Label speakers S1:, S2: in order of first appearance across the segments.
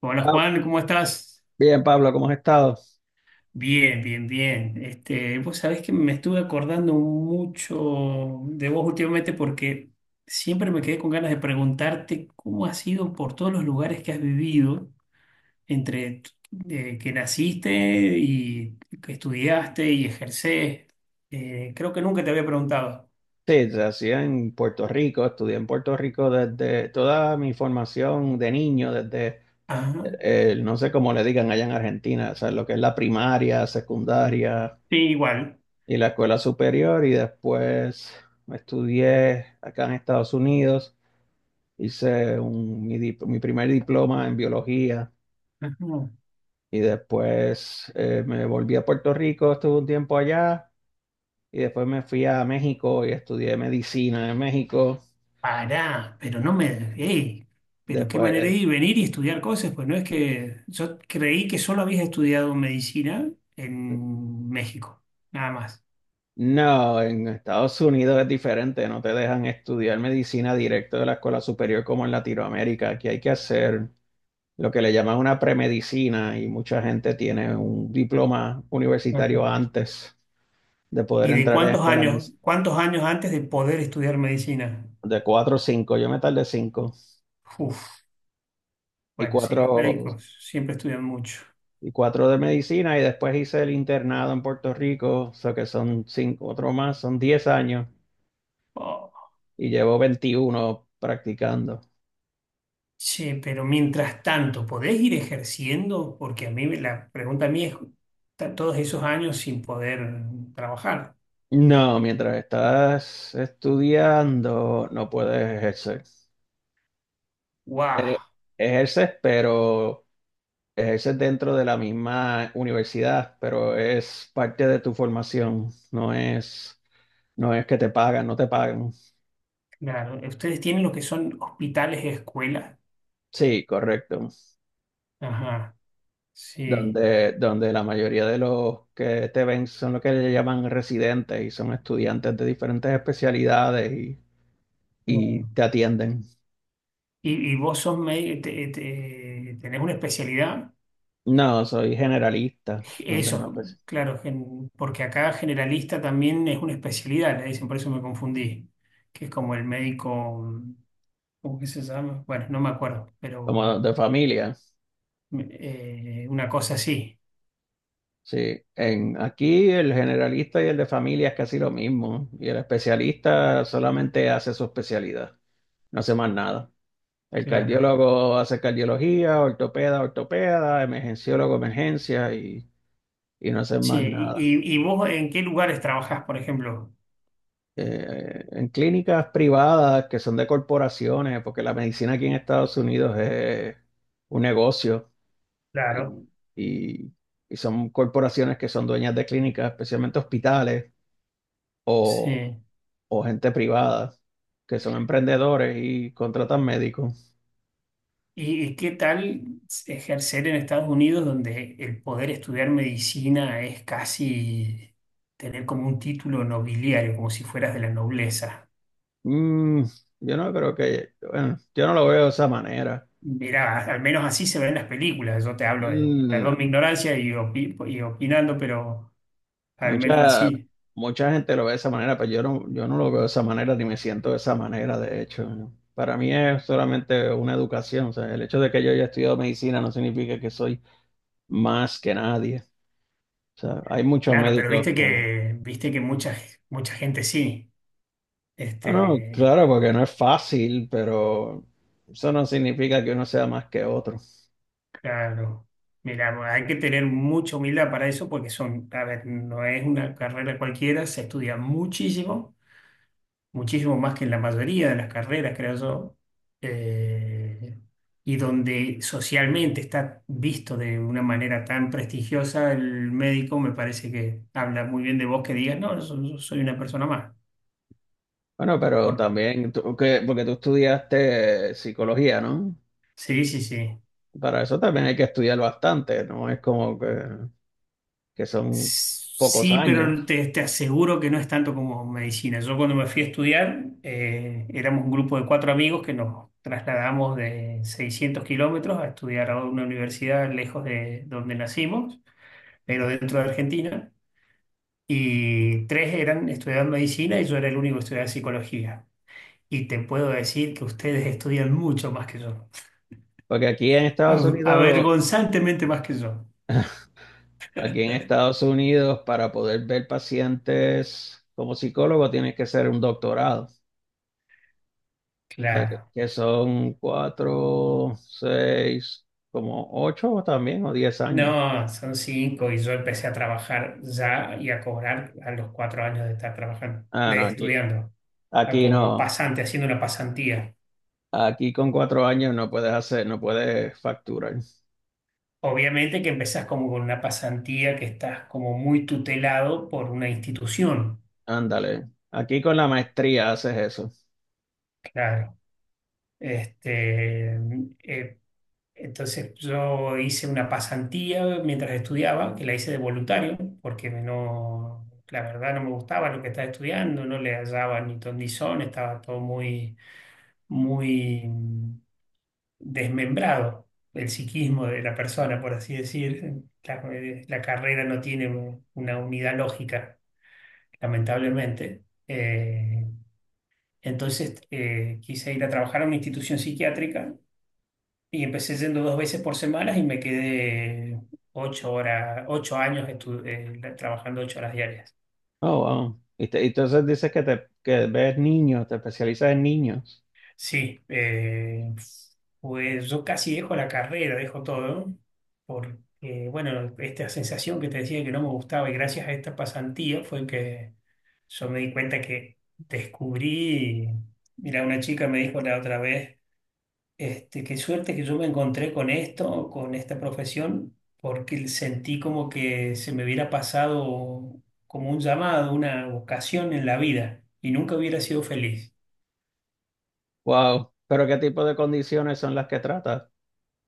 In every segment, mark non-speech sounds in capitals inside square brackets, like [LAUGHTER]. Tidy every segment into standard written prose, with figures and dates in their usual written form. S1: Hola
S2: Ah,
S1: Juan, ¿cómo estás?
S2: bien, Pablo, ¿cómo has estado?
S1: Bien, bien, bien. Este, vos sabés que me estuve acordando mucho de vos últimamente porque siempre me quedé con ganas de preguntarte cómo has ido por todos los lugares que has vivido, entre que naciste y que estudiaste y ejercés. Creo que nunca te había preguntado.
S2: Sí, nací en Puerto Rico, estudié en Puerto Rico desde toda mi formación de niño, desde,
S1: Ajá.
S2: no sé cómo le digan allá en Argentina, o sea, lo que es la primaria, secundaria
S1: Sí, igual.
S2: y la escuela superior, y después estudié acá en Estados Unidos, hice mi primer diploma en biología,
S1: Ajá.
S2: y después me volví a Puerto Rico, estuve un tiempo allá, y después me fui a México y estudié medicina en México.
S1: Pará, pero no me... ¡Ey! Pero qué manera de
S2: Después,
S1: ir, venir y estudiar cosas, pues no es que... Yo creí que solo habías estudiado medicina en México, nada más.
S2: no, en Estados Unidos es diferente, no te dejan estudiar medicina directo de la escuela superior como en Latinoamérica. Aquí hay que hacer lo que le llaman una premedicina y mucha gente tiene un diploma
S1: Ajá.
S2: universitario antes de poder
S1: ¿Y de
S2: entrar a la escuela mes-.
S1: cuántos años antes de poder estudiar medicina?
S2: De 4 o 5. Yo me tardé 5
S1: Uf,
S2: y
S1: bueno, sí, los
S2: cuatro
S1: médicos siempre estudian mucho.
S2: y cuatro de medicina y después hice el internado en Puerto Rico, o sea que son 5, otro más, son 10 años
S1: Oh,
S2: y llevo 21 practicando.
S1: sí, pero mientras tanto, ¿podés ir ejerciendo? Porque a mí, me- la pregunta a mí es, ta- todos esos años sin poder trabajar.
S2: No, mientras estás estudiando no puedes ejercer. Eh,
S1: ¡Wow!
S2: Ejerces, pero ejerces dentro de la misma universidad, pero es parte de tu formación, no es que te pagan, no te pagan.
S1: Claro, ustedes tienen lo que son hospitales y escuelas.
S2: Sí, correcto.
S1: Ajá, sí.
S2: Donde la mayoría de los que te ven son lo que le llaman residentes y son estudiantes de diferentes especialidades y
S1: Bueno.
S2: te atienden.
S1: Y vos sos médico, tenés una especialidad.
S2: No, soy generalista, no tengo
S1: Eso,
S2: espe-.
S1: claro, gen- porque acá generalista también es una especialidad, le dicen, por eso me confundí, que es como el médico, ¿cómo que se llama? Bueno, no me acuerdo,
S2: Como
S1: pero
S2: de familia.
S1: una cosa así,
S2: Sí, aquí el generalista y el de familia es casi lo mismo. Y el especialista solamente hace su especialidad, no hace más nada. El
S1: claro.
S2: cardiólogo hace cardiología, ortopeda, ortopeda, emergenciólogo, emergencia y no hace
S1: Sí,
S2: más
S1: ¿y,
S2: nada.
S1: y vos en qué lugares trabajás, por ejemplo?
S2: En clínicas privadas que son de corporaciones, porque la medicina aquí en Estados Unidos es un negocio
S1: Claro.
S2: y, y y son corporaciones que son dueñas de clínicas, especialmente hospitales
S1: Sí.
S2: o gente privada que son emprendedores y contratan médicos.
S1: Y qué tal ejercer en Estados Unidos, donde el poder estudiar medicina es casi tener como un título nobiliario, como si fueras de la nobleza?
S2: Mm, yo no creo que, bueno, yo no lo veo de esa manera.
S1: Mira, al menos así se ven en las películas. Yo te hablo de,
S2: Mm, no.
S1: perdón mi ignorancia y, opi- y opinando, pero al menos
S2: Mucha,
S1: así.
S2: mucha gente lo ve de esa manera, pero yo no lo veo de esa manera ni me siento de esa manera, de hecho. ¿No? Para mí es solamente una educación, o sea, el hecho de que yo haya estudiado medicina no significa que soy más que nadie. O sea, hay muchos
S1: Claro, pero
S2: médicos que...
S1: viste que mucha, mucha gente sí.
S2: No, no,
S1: Este,
S2: claro, porque no es fácil, pero eso no significa que uno sea más que otro.
S1: claro. Mira, bueno, hay que tener mucha humildad para eso porque son, a ver, no es una carrera cualquiera, se estudia muchísimo, muchísimo más que en la mayoría de las carreras, creo yo, eh, y donde socialmente está visto de una manera tan prestigiosa, el médico me parece que habla muy bien de vos que digas, no, yo soy una persona más.
S2: Bueno, pero
S1: Por-
S2: también, porque tú estudiaste psicología, ¿no?
S1: sí, sí, sí.
S2: Para eso también hay que estudiar bastante, no es como que son pocos
S1: Sí, pero
S2: años.
S1: te aseguro que no es tanto como medicina. Yo cuando me fui a estudiar, éramos un grupo de cuatro amigos que nos trasladamos de 600 km a estudiar a una universidad lejos de donde nacimos, pero dentro de Argentina. Y tres eran estudiando medicina y yo era el único que estudiaba psicología. Y te puedo decir que ustedes estudian mucho más que yo,
S2: Porque aquí en Estados
S1: Av-
S2: Unidos,
S1: avergonzantemente más que yo.
S2: para poder ver pacientes como psicólogo, tienes que ser un doctorado. O sea, que,
S1: Claro.
S2: que son 4, 6, como 8 también, o 10 años.
S1: No, son cinco y yo empecé a trabajar ya y a cobrar a los 4 años de estar trabajando,
S2: Ah,
S1: de
S2: no, aquí,
S1: estudiando, a
S2: aquí
S1: como
S2: no.
S1: pasante, haciendo una pasantía.
S2: Aquí con 4 años no puedes hacer, no puedes facturar.
S1: Obviamente que empezás como con una pasantía que estás como muy tutelado por una institución,
S2: Ándale. Aquí con la maestría haces eso.
S1: claro. Este, eh, entonces yo hice una pasantía mientras estudiaba, que la hice de voluntario, porque no, la verdad no me gustaba lo que estaba estudiando, no le hallaba ni ton ni son, estaba todo muy desmembrado el psiquismo de la persona, por así decir. La carrera no tiene una unidad lógica, lamentablemente. Entonces quise ir a trabajar a una institución psiquiátrica y empecé yendo dos veces por semana y me quedé 8 horas, 8 años trabajando 8 horas diarias.
S2: Oh, wow. Y entonces dices que ves niños, te especializas en niños.
S1: Sí, pues yo casi dejo la carrera, dejo todo, porque, bueno, esta sensación que te decía que no me gustaba y gracias a esta pasantía fue que yo me di cuenta que descubrí, mira, una chica me dijo la otra vez, este, qué suerte que yo me encontré con esto, con esta profesión, porque sentí como que se me hubiera pasado como un llamado, una vocación en la vida y nunca hubiera sido feliz.
S2: Wow. Pero ¿qué tipo de condiciones son las que tratas?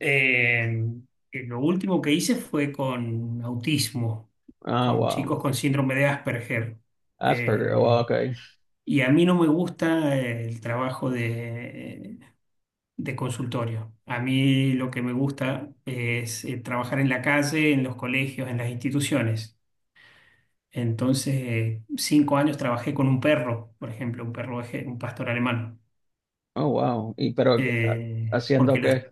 S1: Eh, lo último que hice fue con autismo,
S2: Ah,
S1: con
S2: wow.
S1: chicos con síndrome de Asperger.
S2: Asperger. Oh,
S1: Eh,
S2: ok.
S1: y a mí no me gusta el trabajo de consultorio. A mí lo que me gusta es trabajar en la calle, en los colegios, en las instituciones. Entonces, 5 años trabajé con un perro, por ejemplo, un perro, eje- un pastor alemán.
S2: Oh, wow. Y pero,
S1: Eh, porque
S2: ¿haciendo
S1: los,
S2: qué?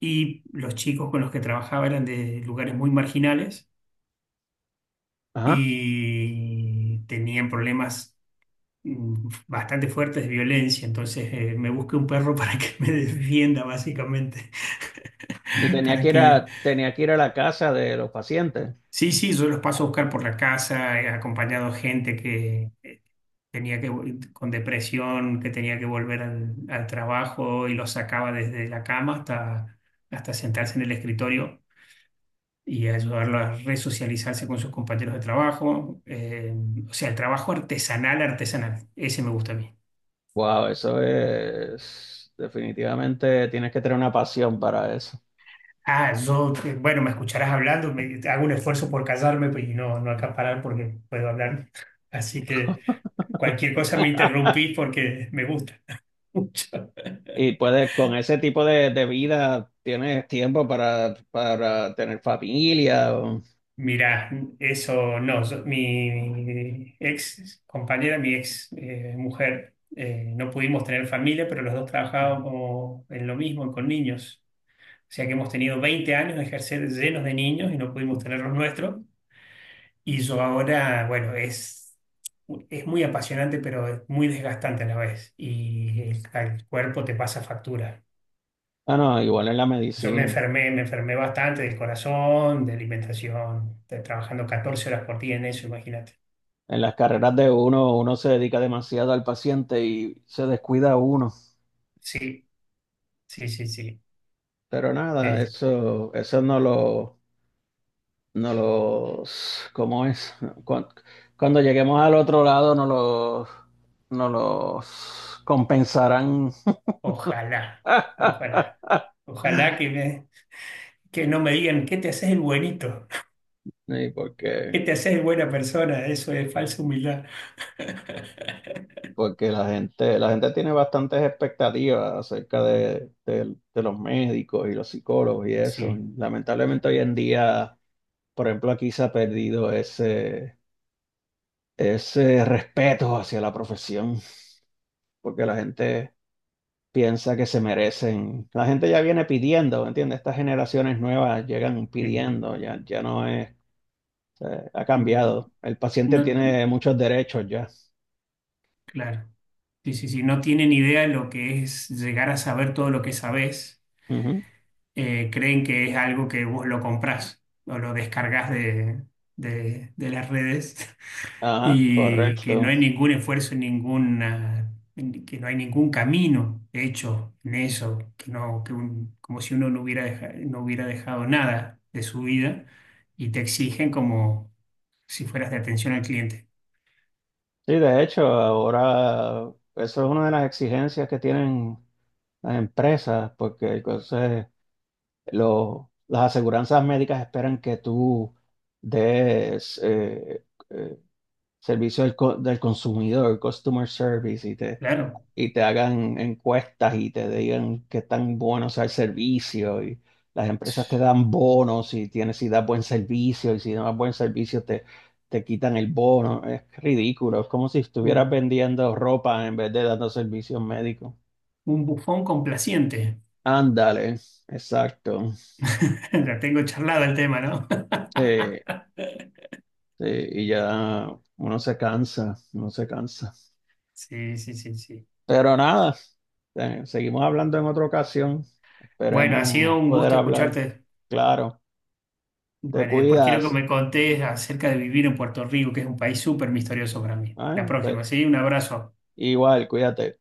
S1: y los chicos con los que trabajaba eran de lugares muy marginales
S2: Ajá.
S1: y tenían problemas bastante fuertes de violencia, entonces me busqué un perro [LAUGHS] para que me [LAUGHS] defienda básicamente,
S2: Y
S1: [LAUGHS]
S2: tenía
S1: para
S2: que ir
S1: que...
S2: a tenía que ir a la casa de los pacientes.
S1: Sí, sí, yo los paso a buscar por la casa, he acompañado gente que tenía que, vol- con depresión, que tenía que volver al trabajo y los sacaba desde la cama hasta, hasta sentarse en el escritorio, y ayudarlo a resocializarse con sus compañeros de trabajo, o sea, el trabajo artesanal, ese me gusta a mí.
S2: Wow, eso es definitivamente tienes que tener una pasión para eso.
S1: Ah, yo, bueno, me escucharás hablando, me- hago un esfuerzo por callarme pues, y no, no acaparar porque puedo hablar. Así que cualquier cosa me interrumpís porque me gusta [LAUGHS] mucho.
S2: Y puedes, con ese tipo de vida, tienes tiempo para tener familia. O-
S1: Mirá, eso no, yo- mi ex compañera, mi ex mujer, no pudimos tener familia, pero los dos trabajábamos en lo mismo, con niños. O sea que hemos tenido 20 años de ejercer llenos de niños y no pudimos tener los nuestros. Y yo ahora, bueno, es muy apasionante, pero es muy desgastante a la vez. Y al cuerpo te pasa factura.
S2: Ah, no, igual en la
S1: Yo
S2: medicina.
S1: me enfermé bastante del corazón, de alimentación, de- trabajando 14 horas por día en eso, imagínate.
S2: En las carreras de uno, uno se dedica demasiado al paciente y se descuida uno.
S1: Sí, sí, sí, sí.
S2: Pero nada,
S1: Eh,
S2: eso no los, ¿cómo es? Cuan- Cuando lleguemos al otro lado, no los compensarán.
S1: Ojalá,
S2: [LAUGHS]
S1: ojalá, ojalá que no me digan, ¿qué te haces el buenito?
S2: Sí,
S1: [LAUGHS] ¿Qué
S2: porque
S1: te haces el buena persona? Eso es falsa humildad. [LAUGHS]
S2: porque la gente tiene bastantes expectativas acerca de los médicos y los psicólogos y eso.
S1: Sí,
S2: Y lamentablemente hoy en día, por ejemplo, aquí se ha perdido ese respeto hacia la profesión, porque la gente piensa que se merecen. La gente ya viene pidiendo, ¿me entiendes? Estas generaciones nuevas llegan
S1: sí.
S2: pidiendo, ya, ya no es, ha cambiado. El paciente
S1: No,
S2: tiene muchos derechos ya.
S1: claro. Sí, sí, sí. No tienen idea de lo que es llegar a saber todo lo que sabés.
S2: Ujú.
S1: Creen que es algo que vos lo comprás o lo descargás de las redes, [LAUGHS]
S2: Ajá,
S1: y que no
S2: correcto.
S1: hay ningún esfuerzo, ninguna, que no hay ningún camino hecho en eso, que no, que un- como si uno no hubiera no hubiera dejado nada de su vida y te exigen como si fueras de atención al cliente.
S2: Sí, de hecho, ahora eso es una de las exigencias que tienen las empresas, porque entonces las aseguranzas médicas esperan que tú des eh, servicio del consumidor, customer service, y te,
S1: Claro,
S2: y te hagan encuestas y te digan qué tan bueno sea el servicio y las empresas te dan bonos si das buen servicio y si no das buen servicio te quitan el bono. Es ridículo, es como si
S1: un
S2: estuvieras vendiendo ropa en vez de dando servicios médicos.
S1: bufón complaciente.
S2: Ándale, exacto.
S1: [LAUGHS] Ya tengo charlado el tema, ¿no?
S2: Sí,
S1: [LAUGHS]
S2: sí, y ya uno se cansa, uno se cansa.
S1: Sí, sí, sí, sí.
S2: Pero nada, seguimos hablando en otra ocasión.
S1: Bueno, ha sido
S2: Esperemos
S1: un
S2: poder
S1: gusto
S2: hablar.
S1: escucharte.
S2: Claro. Te
S1: Bueno, y después quiero que
S2: cuidas.
S1: me contés acerca de vivir en Puerto Rico, que es un país súper misterioso para mí. La
S2: ¿Eh?
S1: próxima, ¿sí? Un abrazo.
S2: Igual, cuídate.